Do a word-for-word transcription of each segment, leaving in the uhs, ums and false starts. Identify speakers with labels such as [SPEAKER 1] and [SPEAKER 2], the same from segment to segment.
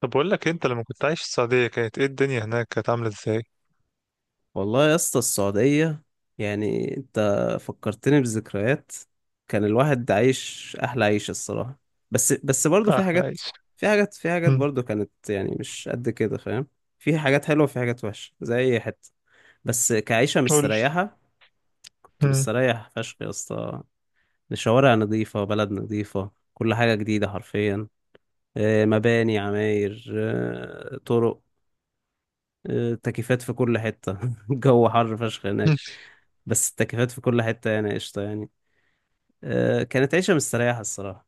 [SPEAKER 1] طب بقول لك انت لما كنت عايش في السعودية كانت ايه الدنيا هناك كانت عاملة ازاي؟
[SPEAKER 2] والله يا اسطى السعودية يعني انت فكرتني بذكريات. كان الواحد عايش احلى عيشة الصراحة. بس بس برضه في
[SPEAKER 1] احلى
[SPEAKER 2] حاجات.
[SPEAKER 1] عيش.
[SPEAKER 2] في حاجات في حاجات
[SPEAKER 1] مم.
[SPEAKER 2] برضه كانت يعني مش قد كده فاهم. في حاجات حلوة وفي حاجات وحشة زي اي حتة، بس كعيشة
[SPEAKER 1] قول لي.
[SPEAKER 2] مستريحة كنت
[SPEAKER 1] مم.
[SPEAKER 2] مستريح فشخ يا اسطى. الشوارع نظيفة، بلد نظيفة، كل حاجة جديدة حرفيا. آه، مباني، عماير، آه، طرق، آه، تكييفات في كل حتة. الجو حر فشخ هناك،
[SPEAKER 1] مم.
[SPEAKER 2] بس التكييفات في كل حتة يعني قشطة يعني. آه، كانت عيشة مستريحة الصراحة.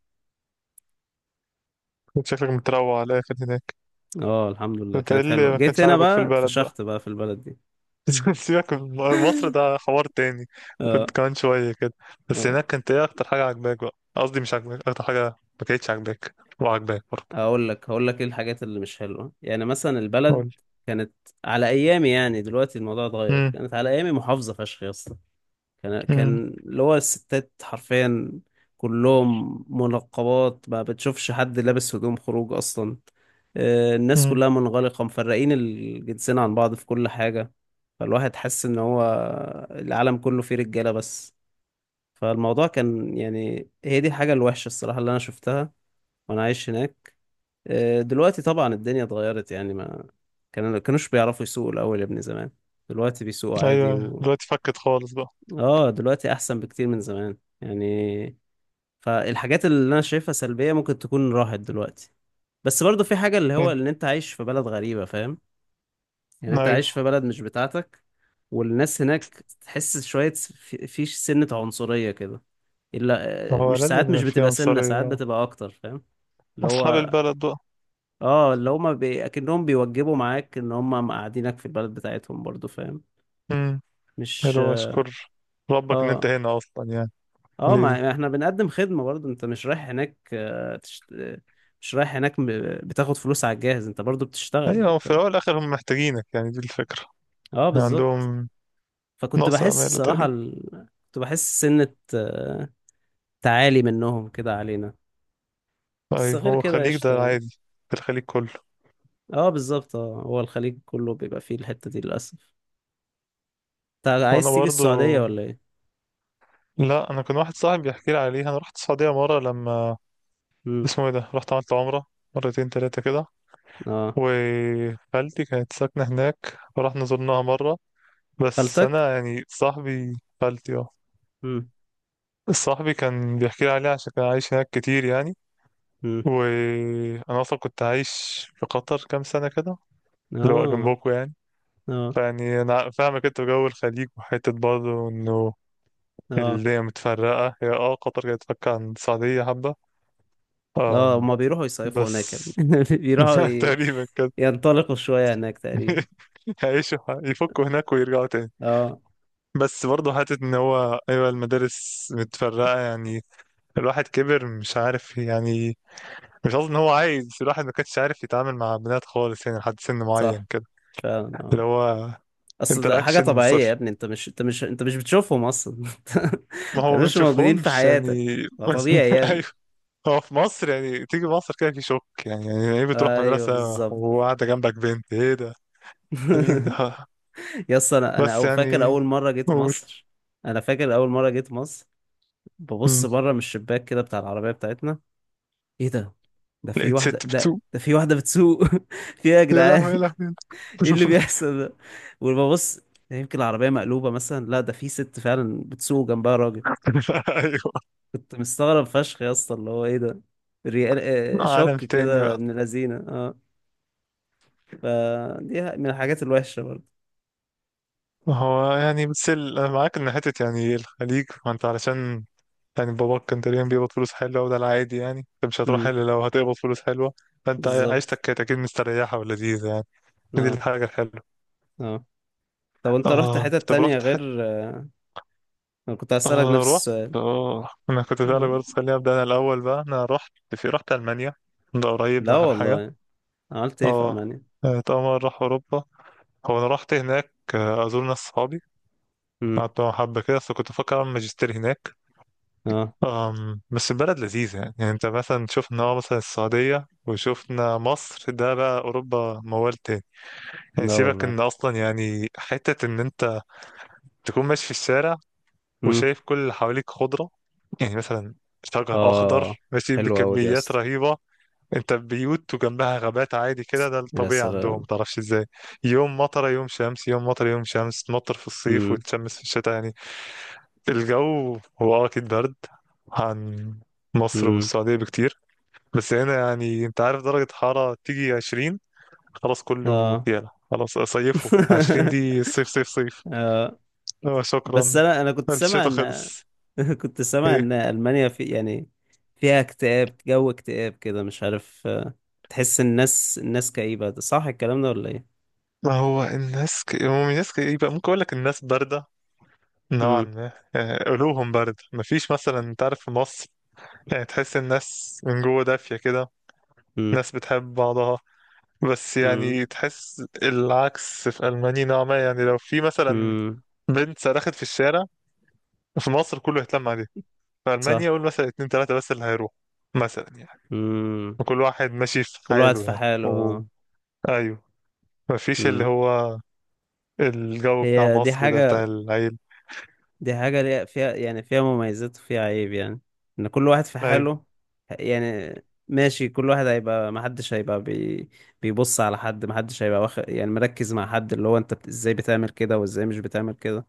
[SPEAKER 1] كنت شكلك متروع على الاخر هناك.
[SPEAKER 2] اه الحمد لله
[SPEAKER 1] كنت
[SPEAKER 2] كانت
[SPEAKER 1] قايل لي
[SPEAKER 2] حلوة.
[SPEAKER 1] ما
[SPEAKER 2] جيت
[SPEAKER 1] كانش
[SPEAKER 2] هنا
[SPEAKER 1] عاجبك في
[SPEAKER 2] بقى
[SPEAKER 1] البلد بقى.
[SPEAKER 2] اتفشخت بقى في البلد دي.
[SPEAKER 1] بس سيبك من مصر، ده حوار تاني. كنت
[SPEAKER 2] اه.
[SPEAKER 1] كمان شوية كده. بس
[SPEAKER 2] اه،
[SPEAKER 1] هناك كانت ايه اكتر حاجة عاجباك بقى؟ قصدي مش عاجباك، اكتر حاجة ما كانتش عاجباك وعاجباك برضه.
[SPEAKER 2] هقول لك، هقول لك ايه الحاجات اللي مش حلوة. يعني مثلا
[SPEAKER 1] قول
[SPEAKER 2] البلد
[SPEAKER 1] لي.
[SPEAKER 2] كانت على ايامي، يعني دلوقتي الموضوع اتغير،
[SPEAKER 1] مم.
[SPEAKER 2] كانت على ايامي محافظة فشخ يا اسطى. كان
[SPEAKER 1] مم.
[SPEAKER 2] كان اللي هو الستات حرفيا كلهم منقبات، ما بتشوفش حد لابس هدوم خروج أصلا. آه، الناس
[SPEAKER 1] مم.
[SPEAKER 2] كلها منغلقة، مفرقين الجنسين عن بعض في كل حاجة. فالواحد حس إن هو العالم كله فيه رجالة بس. فالموضوع كان يعني هي دي الحاجة الوحشة الصراحة اللي أنا شفتها وأنا عايش هناك. آه، دلوقتي طبعا الدنيا اتغيرت. يعني ما كانوا كانوش بيعرفوا يسوقوا الأول يا ابني زمان، دلوقتي بيسوقوا عادي.
[SPEAKER 1] ايوه دلوقتي فكت خالص بقى.
[SPEAKER 2] اه دلوقتي احسن بكتير من زمان يعني. فالحاجات اللي انا شايفها سلبية ممكن تكون راحت دلوقتي. بس برضو في حاجة اللي هو
[SPEAKER 1] مم.
[SPEAKER 2] ان انت عايش في بلد غريبة فاهم. يعني انت عايش
[SPEAKER 1] ايوه،
[SPEAKER 2] في بلد مش بتاعتك، والناس هناك تحس شوية في في سنة عنصرية كده. الا
[SPEAKER 1] هو
[SPEAKER 2] مش
[SPEAKER 1] لازم
[SPEAKER 2] ساعات، مش
[SPEAKER 1] يبقى في
[SPEAKER 2] بتبقى سنة، ساعات
[SPEAKER 1] عنصرية،
[SPEAKER 2] بتبقى اكتر فاهم. اللي
[SPEAKER 1] اصحاب
[SPEAKER 2] هو
[SPEAKER 1] البلد بقى.
[SPEAKER 2] اه، اللي هما بي... اكنهم بيوجبوا معاك ان هما مقعدينك في البلد بتاعتهم برضو فاهم.
[SPEAKER 1] مم.
[SPEAKER 2] مش
[SPEAKER 1] حلو، اشكر ربك ان انت
[SPEAKER 2] اه.
[SPEAKER 1] هنا اصلا يعني.
[SPEAKER 2] اه ما
[SPEAKER 1] ليه؟
[SPEAKER 2] ما احنا بنقدم خدمة برضه. انت مش رايح هناك آه، تشت... آه، مش رايح هناك م- بتاخد فلوس على الجاهز، انت برضه بتشتغل
[SPEAKER 1] ايوه في
[SPEAKER 2] انت.
[SPEAKER 1] الاول والاخر هم محتاجينك، يعني دي الفكره،
[SPEAKER 2] اه
[SPEAKER 1] يعني
[SPEAKER 2] بالظبط.
[SPEAKER 1] عندهم
[SPEAKER 2] فكنت
[SPEAKER 1] نقص
[SPEAKER 2] بحس
[SPEAKER 1] امال
[SPEAKER 2] الصراحة
[SPEAKER 1] تقريبا.
[SPEAKER 2] ال... كنت بحس سنة آه، تعالي منهم كده علينا. بس
[SPEAKER 1] ايوه
[SPEAKER 2] غير
[SPEAKER 1] هو
[SPEAKER 2] كده
[SPEAKER 1] الخليج
[SPEAKER 2] قشطة
[SPEAKER 1] ده
[SPEAKER 2] يعني.
[SPEAKER 1] عادي، في الخليج كله.
[SPEAKER 2] اه بالظبط، اه هو الخليج كله بيبقى فيه الحتة دي للأسف. انت
[SPEAKER 1] وانا
[SPEAKER 2] عايز تيجي
[SPEAKER 1] برضو،
[SPEAKER 2] السعودية ولا ايه؟
[SPEAKER 1] لا انا كان واحد صاحبي بيحكي لي عليها، انا رحت السعوديه مره لما
[SPEAKER 2] امم.
[SPEAKER 1] اسمه ايه ده، رحت عملت عمره مرتين ثلاثه كده.
[SPEAKER 2] اه.
[SPEAKER 1] وخالتي كانت ساكنه هناك ورحنا زرناها مره. بس
[SPEAKER 2] خالتك؟
[SPEAKER 1] انا يعني صاحبي. خالتي اه.
[SPEAKER 2] امم.
[SPEAKER 1] صاحبي كان بيحكي لي عليها عشان كان عايش هناك كتير يعني.
[SPEAKER 2] امم.
[SPEAKER 1] وانا اصلا كنت عايش في قطر كام سنه كده، اللي هو
[SPEAKER 2] اه.
[SPEAKER 1] جنبكم يعني.
[SPEAKER 2] اه.
[SPEAKER 1] فيعني انا فاهمك انت جو الخليج، وحته برضه انه
[SPEAKER 2] اه.
[SPEAKER 1] الدنيا متفرقه، هي اه قطر كانت تفك عن السعوديه حبه.
[SPEAKER 2] اه
[SPEAKER 1] أم
[SPEAKER 2] هما بيروحوا يصيفوا
[SPEAKER 1] بس
[SPEAKER 2] هناك يا ابني. بيروحوا ي...
[SPEAKER 1] تقريبا كده.
[SPEAKER 2] ينطلقوا شوية هناك تقريبا.
[SPEAKER 1] هيعيشوا يفكوا هناك ويرجعوا تاني.
[SPEAKER 2] اه.
[SPEAKER 1] بس برضه حتة إن هو أيوة المدارس متفرقة يعني. الواحد كبر مش عارف يعني. مش قصدي إن هو عايز، الواحد ما كانش عارف يتعامل مع بنات خالص يعني لحد سن
[SPEAKER 2] صح،
[SPEAKER 1] معين كده،
[SPEAKER 2] فعلا
[SPEAKER 1] اللي
[SPEAKER 2] اه.
[SPEAKER 1] هو
[SPEAKER 2] اصل ده حاجة
[SPEAKER 1] انتراكشن
[SPEAKER 2] طبيعية يا
[SPEAKER 1] صفر.
[SPEAKER 2] ابني. انت مش، انت مش انت مش بتشوفهم اصلا. ما
[SPEAKER 1] ما هو ما
[SPEAKER 2] كانوش موجودين في
[SPEAKER 1] نشوفهمش
[SPEAKER 2] حياتك
[SPEAKER 1] يعني.
[SPEAKER 2] فطبيعي يعني.
[SPEAKER 1] ايوه. هو في مصر يعني تيجي مصر كده في شوك، يعني يعني ايه بتروح
[SPEAKER 2] ايوه
[SPEAKER 1] مدرسة
[SPEAKER 2] بالظبط.
[SPEAKER 1] وقاعدة جنبك بنت، ايه ده؟ ده مين ده؟
[SPEAKER 2] يا اسطى انا، انا
[SPEAKER 1] بس
[SPEAKER 2] أو- فاكر
[SPEAKER 1] يعني
[SPEAKER 2] اول مرة جيت
[SPEAKER 1] قول.
[SPEAKER 2] مصر. انا فاكر اول مرة جيت مصر ببص
[SPEAKER 1] مم.
[SPEAKER 2] بره من الشباك كده بتاع العربية بتاعتنا. ايه ده، ده في
[SPEAKER 1] لقيت
[SPEAKER 2] واحدة
[SPEAKER 1] ست
[SPEAKER 2] ده
[SPEAKER 1] بتسوق،
[SPEAKER 2] ده في واحدة بتسوق. في ايه يا
[SPEAKER 1] يا لهوي يا
[SPEAKER 2] جدعان،
[SPEAKER 1] لهوي يا
[SPEAKER 2] ايه اللي
[SPEAKER 1] لهوي.
[SPEAKER 2] بيحصل ده؟ وببص، يمكن العربية مقلوبة مثلا. لا ده في ست فعلا بتسوق جنبها راجل.
[SPEAKER 1] ايوه،
[SPEAKER 2] كنت مستغرب فشخ يا اسطى اللي هو ايه ده؟ ريال. آه،
[SPEAKER 1] عالم
[SPEAKER 2] شوك
[SPEAKER 1] تاني
[SPEAKER 2] كده
[SPEAKER 1] بقى.
[SPEAKER 2] من الذين اه. فدي ح- من الحاجات الوحشة برضه.
[SPEAKER 1] هو يعني بتسل انا معاك ان حتة يعني الخليج، ما انت علشان يعني باباك كان تقريبا بيقبض فلوس حلوة، وده العادي يعني، انت مش هتروح
[SPEAKER 2] امم.
[SPEAKER 1] الا لو هتقبض فلوس حلوة. فانت
[SPEAKER 2] بالظبط.
[SPEAKER 1] عيشتك كانت اكيد مستريحة ولذيذة يعني. دي
[SPEAKER 2] اه.
[SPEAKER 1] الحاجة الحلوة.
[SPEAKER 2] اه طب انت رحت
[SPEAKER 1] اه
[SPEAKER 2] حتة
[SPEAKER 1] طب
[SPEAKER 2] تانية
[SPEAKER 1] رحت حتى
[SPEAKER 2] غير آه، انا كنت هسألك
[SPEAKER 1] اه
[SPEAKER 2] نفس
[SPEAKER 1] رحت
[SPEAKER 2] السؤال؟
[SPEAKER 1] اه انا كنت فعلا
[SPEAKER 2] آه.
[SPEAKER 1] برضه، خليني ابدا انا الاول بقى، انا رحت في رحت المانيا. ده قريب، ده
[SPEAKER 2] لا
[SPEAKER 1] اخر حاجة.
[SPEAKER 2] والله، عملت ايه في
[SPEAKER 1] اه
[SPEAKER 2] ألمانيا؟
[SPEAKER 1] اتأمر راح اوروبا. هو انا رحت هناك آه، ازور ناس صحابي.
[SPEAKER 2] امم.
[SPEAKER 1] قعدت معاهم حبة كده، بس كنت بفكر اعمل ماجستير هناك.
[SPEAKER 2] اه.
[SPEAKER 1] أم بس البلد لذيذة يعني، يعني انت مثلا شفنا اه مثلا السعودية وشفنا مصر، ده بقى اوروبا موال تاني. يعني
[SPEAKER 2] لا
[SPEAKER 1] سيبك
[SPEAKER 2] والله.
[SPEAKER 1] ان اصلا يعني حتة ان انت تكون ماشي في الشارع
[SPEAKER 2] امم.
[SPEAKER 1] وشايف كل اللي حواليك خضرة، يعني مثلا شجر
[SPEAKER 2] اه.
[SPEAKER 1] أخضر ماشي
[SPEAKER 2] حلوة أوي دي يا
[SPEAKER 1] بكميات
[SPEAKER 2] اسطى.
[SPEAKER 1] رهيبة. أنت بيوت وجنبها غابات عادي كده، ده
[SPEAKER 2] يا
[SPEAKER 1] الطبيعي عندهم
[SPEAKER 2] سلام.
[SPEAKER 1] متعرفش إزاي. يوم مطرة يوم شمس، يوم مطرة يوم شمس، تمطر في الصيف
[SPEAKER 2] امم.
[SPEAKER 1] وتشمس في الشتاء يعني. الجو هو أه أكيد برد عن مصر
[SPEAKER 2] امم.
[SPEAKER 1] والسعودية بكتير. بس هنا يعني أنت عارف درجة حرارة تيجي عشرين، خلاص كله
[SPEAKER 2] اه.
[SPEAKER 1] يلا خلاص، صيفه عشرين، دي صيف صيف صيف.
[SPEAKER 2] اه.
[SPEAKER 1] آه، شكرا.
[SPEAKER 2] بس انا، انا كنت سامع
[SPEAKER 1] الشتاء
[SPEAKER 2] ان...
[SPEAKER 1] خلص.
[SPEAKER 2] كنت سامع ان المانيا في يعني فيها اكتئاب، جو اكتئاب كده مش عارف آه، تحس الناس، الناس كئيبة، ده صح الكلام ده ولا ايه؟
[SPEAKER 1] ما هو الناس ك... هم الناس ك... يبقى ممكن اقول لك الناس بارده نوعا
[SPEAKER 2] امم.
[SPEAKER 1] ما، يعني قلوبهم بارده. مفيش مثلا، انت عارف في مصر يعني تحس الناس من جوه دافيه كده،
[SPEAKER 2] امم.
[SPEAKER 1] ناس بتحب بعضها. بس
[SPEAKER 2] امم.
[SPEAKER 1] يعني تحس العكس في المانيا نوعا ما، يعني لو في مثلا
[SPEAKER 2] امم.
[SPEAKER 1] بنت صرخت في الشارع، في مصر كله هيتلم عليها، في المانيا
[SPEAKER 2] صح.
[SPEAKER 1] قول مثلا اتنين تلاته بس اللي هيروح، مثلا يعني.
[SPEAKER 2] امم.
[SPEAKER 1] وكل واحد ماشي في
[SPEAKER 2] كل واحد
[SPEAKER 1] حاله
[SPEAKER 2] في
[SPEAKER 1] يعني و...
[SPEAKER 2] حاله.
[SPEAKER 1] ايوه، مفيش اللي
[SPEAKER 2] امم.
[SPEAKER 1] هو الجو بتاع
[SPEAKER 2] هي دي
[SPEAKER 1] مصر ده، بتاع
[SPEAKER 2] حاجة،
[SPEAKER 1] العيل.
[SPEAKER 2] دي حاجة ليها- فيها يعني، فيها مميزات وفيها عيب يعني، ان كل واحد في حاله
[SPEAKER 1] ايوه.
[SPEAKER 2] يعني. ماشي كل واحد هيبقى، محدش هيبقى بي بيبص على حد، محدش هيبقى واخد يعني مركز مع حد اللي هو انت بت- ازاي بتعمل كده وازاي مش بتعمل كده.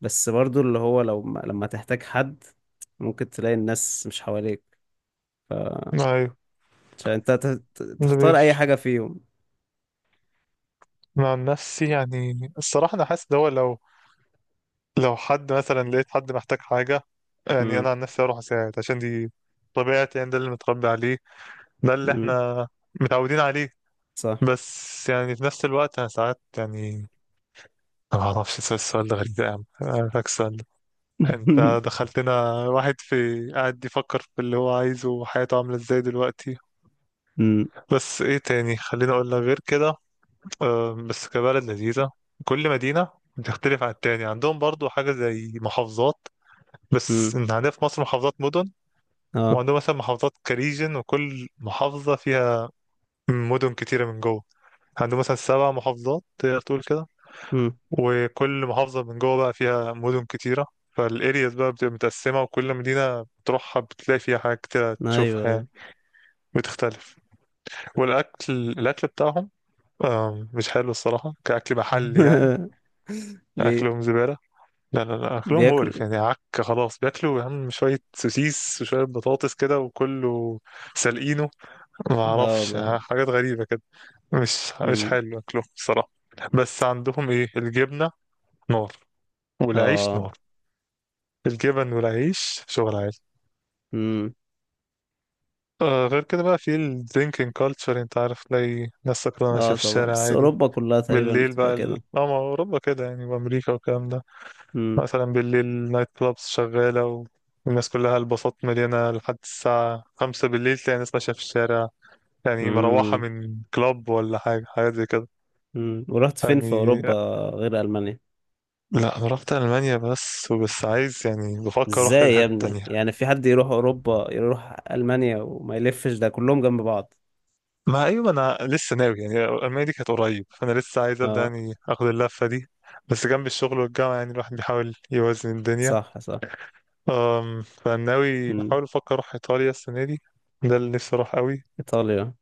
[SPEAKER 2] بس برضو اللي هو لو ما- لما تحتاج حد ممكن تلاقي الناس مش حواليك ف...
[SPEAKER 1] ايوه
[SPEAKER 2] عشان انت ت- ت-
[SPEAKER 1] ده
[SPEAKER 2] تختار اي
[SPEAKER 1] بيفرق.
[SPEAKER 2] حاجة فيهم.
[SPEAKER 1] أنا عن نفسي يعني، الصراحة أنا حاسس ده هو، لو لو حد مثلا، لقيت حد محتاج حاجة، يعني أنا
[SPEAKER 2] امم.
[SPEAKER 1] عن نفسي أروح أساعد، عشان دي طبيعتي يعني، ده اللي متربي عليه، ده اللي
[SPEAKER 2] امم.
[SPEAKER 1] إحنا متعودين عليه.
[SPEAKER 2] صح.
[SPEAKER 1] بس يعني في نفس الوقت أنا ساعات يعني، أنا معرفش، السؤال السؤال ده غريب، ده يا عم أنا عارفك السؤال ده. أنت دخلتنا واحد في قاعد يفكر في اللي هو عايزه وحياته عاملة إزاي دلوقتي.
[SPEAKER 2] امم.
[SPEAKER 1] بس إيه تاني، خليني أقول لك غير كده. آه، بس كبلد لذيذة، كل مدينة بتختلف عن التاني. عندهم برضو حاجة زي محافظات، بس
[SPEAKER 2] امم.
[SPEAKER 1] إن عندنا في مصر محافظات مدن،
[SPEAKER 2] اه.
[SPEAKER 1] وعندهم مثلا محافظات كريجن، وكل محافظة فيها مدن كتيرة من جوه. عندهم مثلا سبع محافظات تقدر تقول كده،
[SPEAKER 2] امم.
[SPEAKER 1] وكل محافظة من جوه بقى فيها مدن كتيرة. فالارياز بقى بتبقى متقسمة، وكل مدينة بتروحها بتلاقي فيها حاجات كتيرة
[SPEAKER 2] ايوه
[SPEAKER 1] تشوفها
[SPEAKER 2] أيوة.
[SPEAKER 1] يعني، بتختلف. والأكل، الأكل بتاعهم آه، مش حلو الصراحة كأكل محلي يعني.
[SPEAKER 2] ليه؟
[SPEAKER 1] أكلهم زبالة، لا لا لا أكلهم
[SPEAKER 2] بياكل.
[SPEAKER 1] مقرف يعني، عك خلاص، بياكلوا يا عم شوية سوسيس وشوية بطاطس كده وكله سالقينه، ما
[SPEAKER 2] اه
[SPEAKER 1] أعرفش،
[SPEAKER 2] والله.
[SPEAKER 1] آه، حاجات غريبة كده. مش مش
[SPEAKER 2] امم.
[SPEAKER 1] حلو أكلهم الصراحة. بس عندهم إيه، الجبنة نار، والعيش
[SPEAKER 2] اه.
[SPEAKER 1] نار، الجبن والعيش شغل عالي.
[SPEAKER 2] امم.
[SPEAKER 1] آه، غير كده بقى في الدرينكينج كالتشر، أنت عارف، تلاقي ناس سكرانة ماشية
[SPEAKER 2] اه
[SPEAKER 1] في
[SPEAKER 2] طبعا،
[SPEAKER 1] الشارع
[SPEAKER 2] بس
[SPEAKER 1] عادي.
[SPEAKER 2] اوروبا كلها تقريبا
[SPEAKER 1] بالليل
[SPEAKER 2] بتبقى
[SPEAKER 1] بقى ال...
[SPEAKER 2] كده.
[SPEAKER 1] اه ما هو أوروبا كده يعني، وأمريكا والكلام ده.
[SPEAKER 2] امم.
[SPEAKER 1] مثلا بالليل نايت كلابس شغالة، والناس كلها، الباصات مليانة لحد الساعة خمسة بالليل، تلاقي ناس ماشية في الشارع، يعني مروحة
[SPEAKER 2] امم.
[SPEAKER 1] من كلاب ولا حاجة، حاجات زي كده
[SPEAKER 2] امم. ورحت فين في اوروبا
[SPEAKER 1] يعني.
[SPEAKER 2] غير المانيا؟
[SPEAKER 1] لا أنا رحت ألمانيا بس، وبس عايز يعني بفكر أروح كذا
[SPEAKER 2] ازاي يا
[SPEAKER 1] حتة
[SPEAKER 2] ابني
[SPEAKER 1] تانية.
[SPEAKER 2] يعني في حد يروح اوروبا يروح المانيا وما يلفش، ده كلهم جنب بعض.
[SPEAKER 1] ما أيوة أنا لسه ناوي يعني، ألمانيا دي كانت قريب، فأنا لسه عايز أبدأ
[SPEAKER 2] اه
[SPEAKER 1] يعني آخد اللفة دي. بس جنب الشغل والجامعة يعني، الواحد بيحاول يوازن الدنيا.
[SPEAKER 2] صح صح.
[SPEAKER 1] أم فناوي
[SPEAKER 2] امم.
[SPEAKER 1] بحاول أفكر أروح إيطاليا السنة دي، ده اللي نفسي أروح قوي.
[SPEAKER 2] ايطاليا.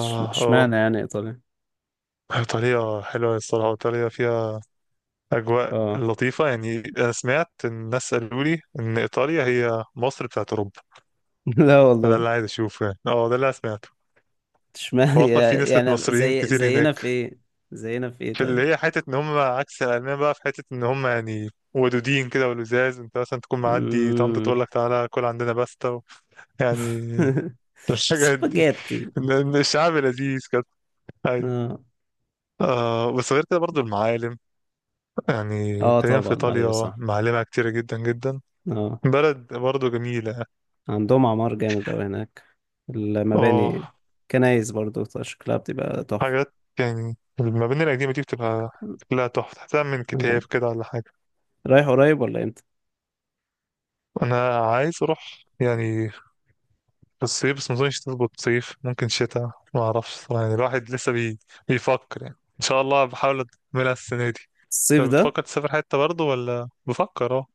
[SPEAKER 2] إش-
[SPEAKER 1] آه.
[SPEAKER 2] اشمعنى يعني ايطاليا؟
[SPEAKER 1] طريقة حلوة الصراحة، وطريقة فيها أجواء
[SPEAKER 2] اه.
[SPEAKER 1] لطيفة يعني، أنا سمعت، إن الناس قالوا لي إن إيطاليا هي مصر بتاعت أوروبا،
[SPEAKER 2] لا
[SPEAKER 1] فده
[SPEAKER 2] والله،
[SPEAKER 1] اللي عايز أشوفه يعني، أه ده اللي أنا سمعته.
[SPEAKER 2] اشمعنى
[SPEAKER 1] وأصلا في نسبة
[SPEAKER 2] يعني؟
[SPEAKER 1] مصريين
[SPEAKER 2] زي
[SPEAKER 1] كتير
[SPEAKER 2] زينا في
[SPEAKER 1] هناك،
[SPEAKER 2] ايه؟ زينا في ايه
[SPEAKER 1] في اللي
[SPEAKER 2] طيب؟
[SPEAKER 1] هي حتة إن هم عكس الألمان بقى، في حتة إن هم يعني ودودين كده ولزاز، أنت مثلا تكون معدي طنط تقول
[SPEAKER 2] امم.
[SPEAKER 1] لك تعالى كل عندنا باستا و... يعني الحاجات دي،
[SPEAKER 2] سباجيتي.
[SPEAKER 1] إن- إن الشعب لذيذ كده. أيوة.
[SPEAKER 2] اه.
[SPEAKER 1] آه بس غير كده برضو المعالم، يعني
[SPEAKER 2] اه
[SPEAKER 1] تقريبا في
[SPEAKER 2] طبعا ايوه
[SPEAKER 1] إيطاليا
[SPEAKER 2] صح.
[SPEAKER 1] معالمها كتيرة جدا جدا.
[SPEAKER 2] اه
[SPEAKER 1] بلد برضه جميلة.
[SPEAKER 2] عندهم اعمار جامد اوي هناك،
[SPEAKER 1] اه
[SPEAKER 2] المباني، كنايس برضو شكلها بتبقى تحفة.
[SPEAKER 1] حاجات يعني المباني القديمة دي بتبقى شكلها تحفة، تحتها من
[SPEAKER 2] آه.
[SPEAKER 1] كتاب كده ولا حاجة.
[SPEAKER 2] رايح قريب ولا امتى؟
[SPEAKER 1] أنا عايز أروح يعني في الصيف، بس مظنش تظبط صيف، ممكن شتاء ما أعرفش صراحة، يعني الواحد لسه بي... بيفكر يعني. إن شاء الله بحاول أكملها السنة دي.
[SPEAKER 2] الصيف
[SPEAKER 1] أنت
[SPEAKER 2] ده؟
[SPEAKER 1] بتفكر تسافر حتة برضه ولا بفكر اه؟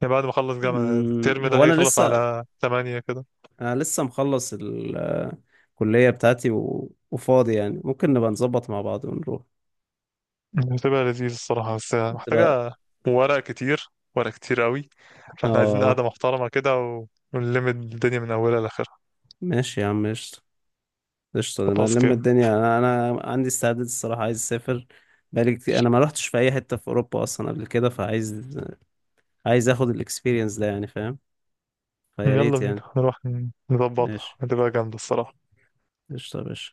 [SPEAKER 1] يعني بعد ما أخلص جامعة،
[SPEAKER 2] مم.
[SPEAKER 1] الترم ده
[SPEAKER 2] هو انا
[SPEAKER 1] هيخلص
[SPEAKER 2] لسه،
[SPEAKER 1] على تمانية كده.
[SPEAKER 2] انا لسه مخلص ال- آه، الكلية بتاعتي و... وفاضي يعني ممكن نبقى نظبط مع بعض ونروح.
[SPEAKER 1] هتبقى لذيذ الصراحة، بس
[SPEAKER 2] تبقى
[SPEAKER 1] محتاجة ورق كتير، ورق كتير قوي. فاحنا عايزين
[SPEAKER 2] اه.
[SPEAKER 1] قعدة محترمة كده و- ونلم الدنيا من أولها لآخرها.
[SPEAKER 2] ماشي يا عم ماشي. قشطة. انا
[SPEAKER 1] خلاص
[SPEAKER 2] لما
[SPEAKER 1] كده،
[SPEAKER 2] الدنيا، انا انا عندي استعداد الصراحة، عايز اسافر بقالي كتير. انا ما رحتش في اي حتة في اوروبا اصلا قبل كده، فعايز، عايز اخد الاكسبيرينس ده يعني فاهم. فيا
[SPEAKER 1] يلا
[SPEAKER 2] ريت يعني.
[SPEAKER 1] بينا نروح نظبطها،
[SPEAKER 2] ماشي.
[SPEAKER 1] هتبقى جامدة الصراحة.
[SPEAKER 2] قشطة يا باشا.